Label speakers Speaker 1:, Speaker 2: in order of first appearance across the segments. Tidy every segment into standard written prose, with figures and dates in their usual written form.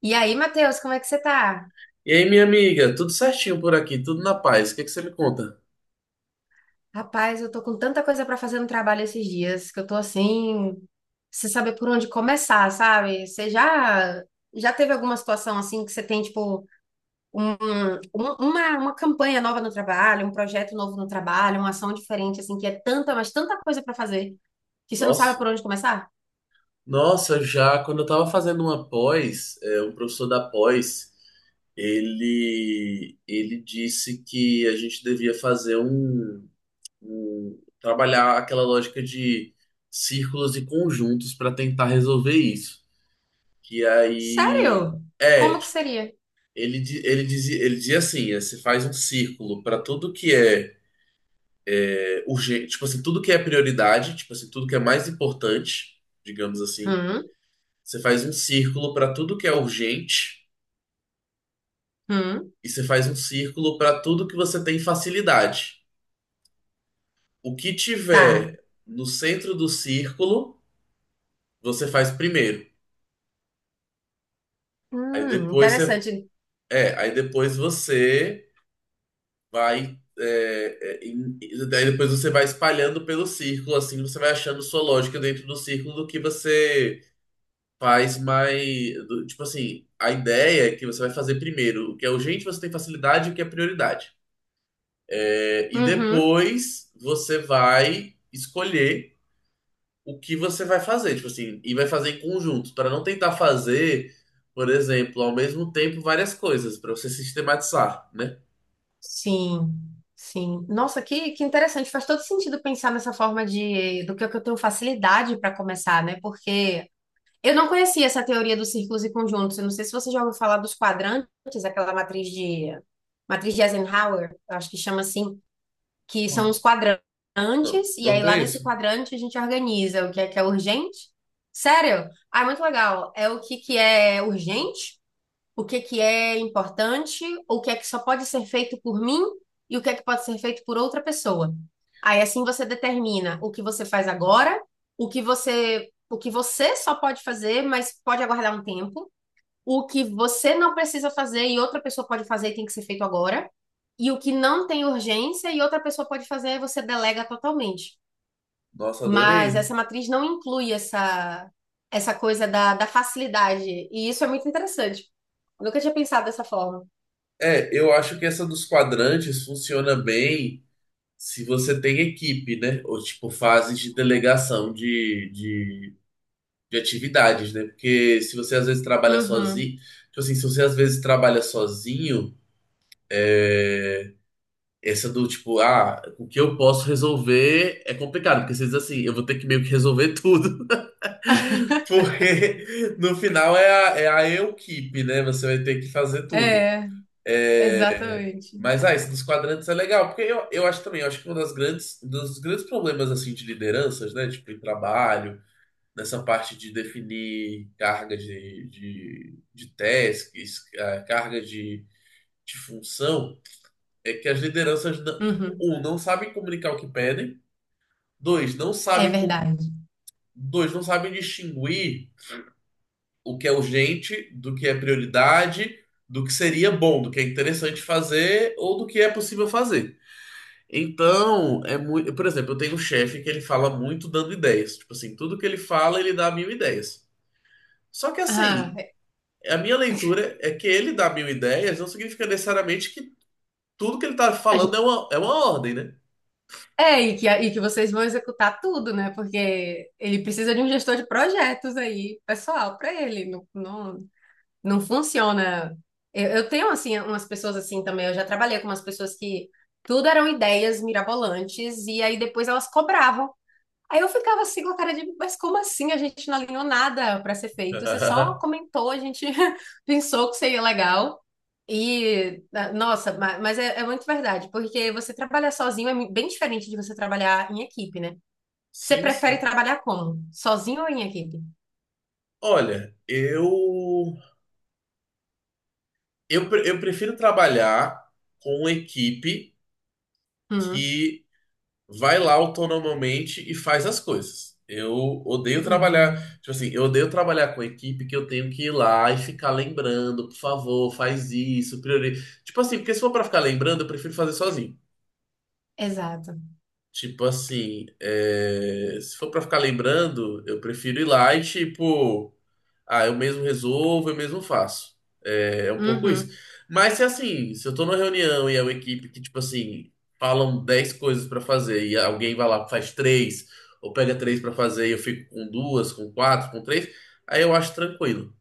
Speaker 1: E aí, Matheus, como é que você tá?
Speaker 2: E aí, minha amiga, tudo certinho por aqui, tudo na paz. O que que você me conta?
Speaker 1: Rapaz, eu tô com tanta coisa pra fazer no trabalho esses dias que eu tô assim, sem saber por onde começar, sabe? Você já teve alguma situação assim que você tem tipo um- uma campanha nova no trabalho, um projeto novo no trabalho, uma ação diferente assim que é tanta, mas tanta coisa pra fazer que você não sabe
Speaker 2: Nossa,
Speaker 1: por onde começar?
Speaker 2: nossa, já quando eu tava fazendo uma pós, um professor da pós, ele disse que a gente devia trabalhar aquela lógica de círculos e conjuntos para tentar resolver isso. Que aí
Speaker 1: Sério?
Speaker 2: é,
Speaker 1: Como que
Speaker 2: tipo,
Speaker 1: seria?
Speaker 2: ele dizia ele dizia assim, é, você faz um círculo para tudo que é urgente, tipo assim, tudo que é prioridade, tipo assim, tudo que é mais importante, digamos assim,
Speaker 1: Hum,
Speaker 2: você faz um círculo para tudo que é urgente
Speaker 1: hum,
Speaker 2: e você faz um círculo para tudo que você tem facilidade. O que
Speaker 1: tá.
Speaker 2: tiver no centro do círculo, você faz primeiro. Aí depois você,
Speaker 1: Interessante.
Speaker 2: aí depois você vai é, é, em- daí depois você vai espalhando pelo círculo, assim, você vai achando sua lógica dentro do círculo do que você faz mais. Tipo assim, a ideia é que você vai fazer primeiro o que é urgente, você tem facilidade e o que é prioridade. É, e
Speaker 1: Uhum.
Speaker 2: depois você vai escolher o que você vai fazer, tipo assim, e vai fazer em conjunto, para não tentar fazer, por exemplo, ao mesmo tempo várias coisas, para você sistematizar, né?
Speaker 1: Sim, sim. Nossa, que interessante. Faz todo sentido pensar nessa forma de do que eu tenho facilidade para começar, né? Porque eu não conhecia essa teoria dos círculos e conjuntos. Eu não sei se você já ouviu falar dos quadrantes, aquela matriz de Eisenhower, eu acho que chama assim, que são os
Speaker 2: Pô,
Speaker 1: quadrantes,
Speaker 2: não,
Speaker 1: e
Speaker 2: não
Speaker 1: aí lá nesse
Speaker 2: conheço.
Speaker 1: quadrante a gente organiza o que é urgente. Sério? Ah, é muito legal. É o que que é urgente? O que que é importante, o que é que só pode ser feito por mim e o que é que pode ser feito por outra pessoa. Aí assim você determina o que você faz agora, o que você só pode fazer, mas pode aguardar um tempo, o que você não precisa fazer e outra pessoa pode fazer e tem que ser feito agora, e o que não tem urgência e outra pessoa pode fazer, aí você delega totalmente.
Speaker 2: Nossa,
Speaker 1: Mas
Speaker 2: adorei.
Speaker 1: essa matriz não inclui essa coisa da facilidade. E isso é muito interessante. Eu nunca tinha pensado dessa forma.
Speaker 2: É, eu acho que essa dos quadrantes funciona bem se você tem equipe, né? Ou tipo fases de delegação de atividades, né? Porque se você às vezes trabalha
Speaker 1: Uhum.
Speaker 2: sozinho, tipo assim, se você às vezes trabalha sozinho, é, essa do tipo, ah, o que eu posso resolver é complicado, porque você diz assim, eu vou ter que meio que resolver tudo, porque no final é a equipe, né? Você vai ter que fazer tudo.
Speaker 1: É,
Speaker 2: É,
Speaker 1: exatamente.
Speaker 2: mas, ah, isso dos quadrantes é legal, porque eu acho também, eu acho que um dos grandes problemas, assim, de lideranças, né, tipo, em trabalho, nessa parte de definir carga de tasks, ah, carga de função, é que as lideranças,
Speaker 1: Uhum.
Speaker 2: um, não sabem comunicar o que pedem, dois, não
Speaker 1: É
Speaker 2: sabem, com-
Speaker 1: verdade.
Speaker 2: dois, não sabem distinguir o que é urgente do que é prioridade, do que seria bom, do que é interessante fazer ou do que é possível fazer. Então, é muito. Por exemplo, eu tenho um chefe que ele fala muito dando ideias. Tipo assim, tudo que ele fala, ele dá mil ideias. Só que
Speaker 1: Ah,
Speaker 2: assim,
Speaker 1: é,
Speaker 2: a minha leitura é que ele dá mil ideias não significa necessariamente que tudo que ele tá
Speaker 1: a
Speaker 2: falando é
Speaker 1: gente-
Speaker 2: uma ordem, né?
Speaker 1: é, e que vocês vão executar tudo, né? Porque ele precisa de um gestor de projetos aí, pessoal, para ele. Não, não, não funciona. Eu tenho, assim, umas pessoas assim também. Eu já trabalhei com umas pessoas que tudo eram ideias mirabolantes e aí depois elas cobravam. Aí eu ficava assim com a cara de, mas como assim? A gente não alinhou nada para ser feito. Você só comentou, a gente pensou que seria legal. E, ah, nossa, mas é, é muito verdade, porque você trabalhar sozinho é bem diferente de você trabalhar em equipe, né? Você
Speaker 2: Sim,
Speaker 1: prefere
Speaker 2: sim.
Speaker 1: trabalhar como? Sozinho ou em equipe?
Speaker 2: Olha, eu prefiro trabalhar com uma equipe
Speaker 1: Hum,
Speaker 2: que vai lá autonomamente e faz as coisas. Eu odeio trabalhar,
Speaker 1: uhum,
Speaker 2: tipo assim, eu odeio trabalhar com equipe que eu tenho que ir lá e ficar lembrando, por favor, faz isso, priori... Tipo assim, porque se for pra ficar lembrando, eu prefiro fazer sozinho.
Speaker 1: exato.
Speaker 2: Tipo assim, é, se for pra ficar lembrando, eu prefiro ir lá e tipo ah, eu mesmo resolvo, eu mesmo faço. É, é um pouco isso.
Speaker 1: Uhum.
Speaker 2: Mas se assim, se eu tô numa reunião e é uma equipe que, tipo assim, falam 10 coisas pra fazer e alguém vai lá, faz três, ou pega três pra fazer e eu fico com duas, com quatro, com três, aí eu acho tranquilo.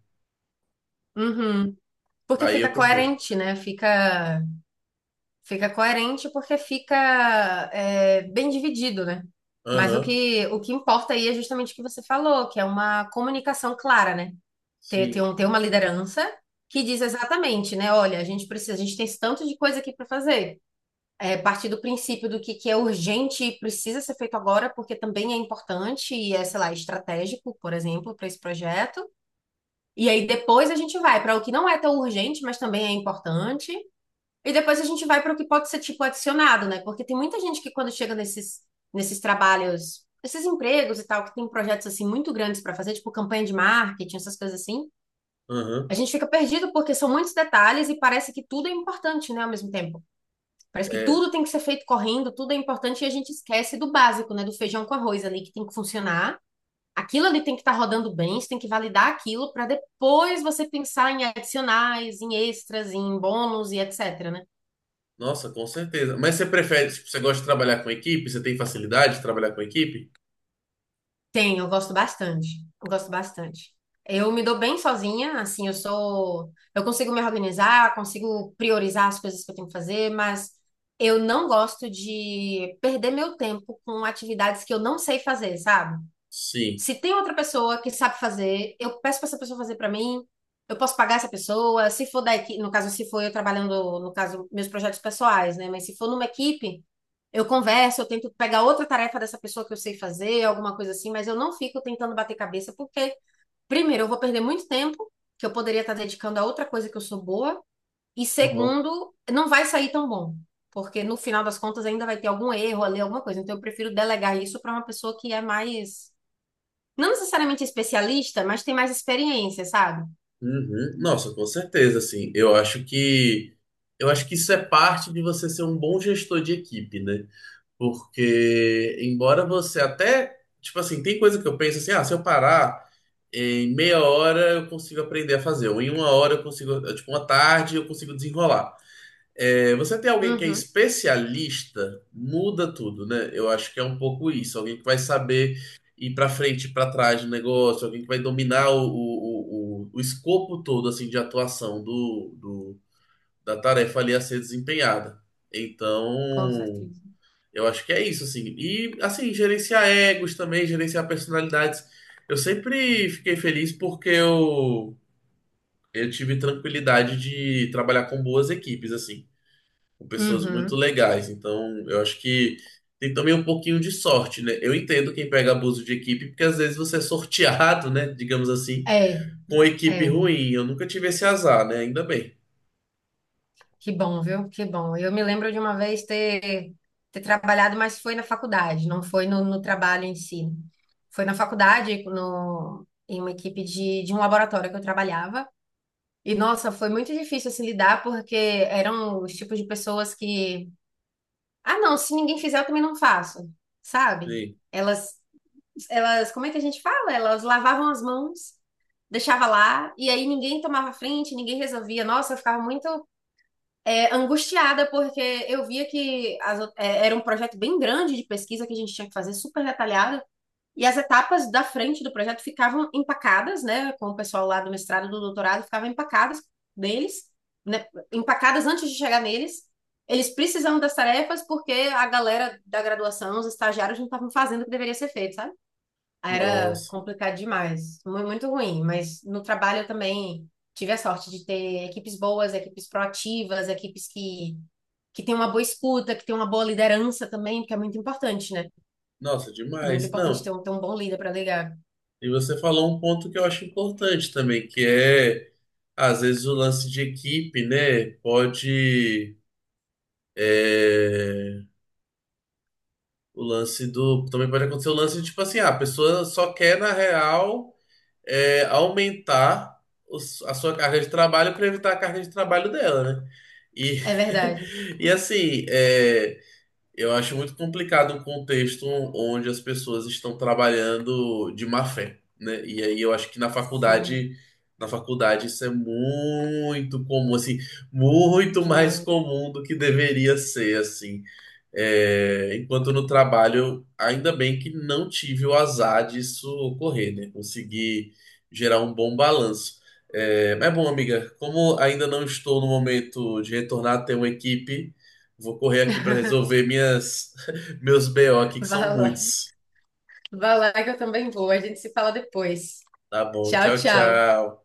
Speaker 1: Uhum. Porque
Speaker 2: Aí
Speaker 1: fica
Speaker 2: eu prefiro.
Speaker 1: coerente, né? Fica, fica coerente porque fica é, bem dividido, né? Mas o
Speaker 2: Aham,
Speaker 1: que, o que importa aí é justamente o que você falou, que é uma comunicação clara, né? Ter, ter,
Speaker 2: sim.
Speaker 1: um, ter uma liderança que diz exatamente, né? Olha, a gente precisa, a gente tem esse tanto de coisa aqui para fazer. É, partir do princípio do que é urgente e precisa ser feito agora, porque também é importante e é, sei lá, estratégico, por exemplo, para esse projeto. E aí depois a gente vai para o que não é tão urgente, mas também é importante. E depois a gente vai para o que pode ser tipo adicionado, né? Porque tem muita gente que quando chega nesses trabalhos, esses empregos e tal, que tem projetos assim muito grandes para fazer, tipo campanha de marketing, essas coisas assim, a
Speaker 2: Aham.
Speaker 1: gente fica perdido porque são muitos detalhes e parece que tudo é importante, né, ao mesmo tempo. Parece que
Speaker 2: É,
Speaker 1: tudo tem que ser feito correndo, tudo é importante e a gente esquece do básico, né, do feijão com arroz ali que tem que funcionar. Aquilo ali tem que estar rodando bem, você tem que validar aquilo para depois você pensar em adicionais, em extras, em bônus e etc, né?
Speaker 2: nossa, com certeza. Mas você prefere, tipo, você gosta de trabalhar com equipe? Você tem facilidade de trabalhar com equipe?
Speaker 1: Tem, eu gosto bastante. Eu gosto bastante. Eu me dou bem sozinha, assim, eu sou, eu consigo me organizar, consigo priorizar as coisas que eu tenho que fazer, mas eu não gosto de perder meu tempo com atividades que eu não sei fazer, sabe?
Speaker 2: Sim.
Speaker 1: Se tem outra pessoa que sabe fazer, eu peço para essa pessoa fazer para mim. Eu posso pagar essa pessoa. Se for da equipe, no caso, se for eu trabalhando, no caso, meus projetos pessoais, né? Mas se for numa equipe, eu converso, eu tento pegar outra tarefa dessa pessoa que eu sei fazer, alguma coisa assim, mas eu não fico tentando bater cabeça, porque, primeiro, eu vou perder muito tempo, que eu poderia estar dedicando a outra coisa que eu sou boa, e segundo, não vai sair tão bom, porque no final das contas ainda vai ter algum erro ali, alguma coisa. Então, eu prefiro delegar isso para uma pessoa que é mais não necessariamente especialista, mas tem mais experiência, sabe?
Speaker 2: Uhum. Nossa, com certeza, assim. Eu acho que isso é parte de você ser um bom gestor de equipe, né? Porque embora você até, tipo assim, tem coisa que eu penso assim, ah, se eu parar em meia hora eu consigo aprender a fazer, ou em uma hora eu consigo, tipo, uma tarde eu consigo desenrolar. É, você tem alguém que é
Speaker 1: Uhum,
Speaker 2: especialista, muda tudo, né? Eu acho que é um pouco isso. Alguém que vai saber ir para frente, para trás do negócio, alguém que vai dominar o escopo todo assim de atuação da tarefa ali a ser desempenhada.
Speaker 1: com
Speaker 2: Então,
Speaker 1: certeza.
Speaker 2: eu acho que é isso, assim. E, assim, gerenciar egos também, gerenciar personalidades. Eu sempre fiquei feliz porque eu tive tranquilidade de trabalhar com boas equipes, assim com pessoas muito
Speaker 1: Uhum.
Speaker 2: legais. Então, eu acho que tem também um pouquinho de sorte, né? Eu entendo quem pega abuso de equipe, porque às vezes você é sorteado, né? Digamos assim,
Speaker 1: É,
Speaker 2: com
Speaker 1: é.
Speaker 2: equipe ruim. Eu nunca tive esse azar, né? Ainda bem.
Speaker 1: Que bom, viu? Que bom. Eu me lembro de uma vez ter trabalhado, mas foi na faculdade, não foi no, no trabalho em si. Foi na faculdade, no, em uma equipe de um laboratório que eu trabalhava. E, nossa, foi muito difícil assim lidar, porque eram os tipos de pessoas que, ah, não, se ninguém fizer, eu também não faço, sabe?
Speaker 2: Sim.
Speaker 1: Elas elas, como é que a gente fala? Elas lavavam as mãos, deixava lá, e aí ninguém tomava frente, ninguém resolvia. Nossa, eu ficava muito é, angustiada, porque eu via que é, era um projeto bem grande de pesquisa que a gente tinha que fazer, super detalhado, e as etapas da frente do projeto ficavam empacadas, né, com o pessoal lá do mestrado, do doutorado, ficavam empacadas deles, né, empacadas antes de chegar neles. Eles precisavam das tarefas porque a galera da graduação, os estagiários, não estavam fazendo o que deveria ser feito, sabe? Era
Speaker 2: Nossa,
Speaker 1: complicado demais, muito ruim, mas no trabalho eu também tive a sorte de ter equipes boas, equipes proativas, equipes que têm uma boa escuta, que têm uma boa liderança também, porque é muito importante, né?
Speaker 2: nossa,
Speaker 1: É muito
Speaker 2: demais.
Speaker 1: importante
Speaker 2: Não.
Speaker 1: ter um bom líder para ligar.
Speaker 2: E você falou um ponto que eu acho importante também, que é, às vezes, o lance de equipe, né? Pode. É, o lance do. Também pode acontecer o lance de, tipo assim, ah, a pessoa só quer, na real, é, aumentar a sua carga de trabalho para evitar a carga de trabalho dela, né? E,
Speaker 1: É verdade.
Speaker 2: e assim, é, eu acho muito complicado um contexto onde as pessoas estão trabalhando de má fé, né? E aí eu acho que
Speaker 1: Sim,
Speaker 2: na faculdade isso é muito comum, assim, muito mais
Speaker 1: demais.
Speaker 2: comum do que deveria ser, assim. É, enquanto no trabalho, ainda bem que não tive o azar disso ocorrer, né? Consegui gerar um bom balanço. É, mas bom, amiga, como ainda não estou no momento de retornar a ter uma equipe, vou correr aqui para resolver minhas meus BO aqui, que são
Speaker 1: Vai lá,
Speaker 2: muitos.
Speaker 1: vai lá que eu também vou. A gente se fala depois.
Speaker 2: Tá bom,
Speaker 1: Tchau,
Speaker 2: tchau,
Speaker 1: tchau.
Speaker 2: tchau.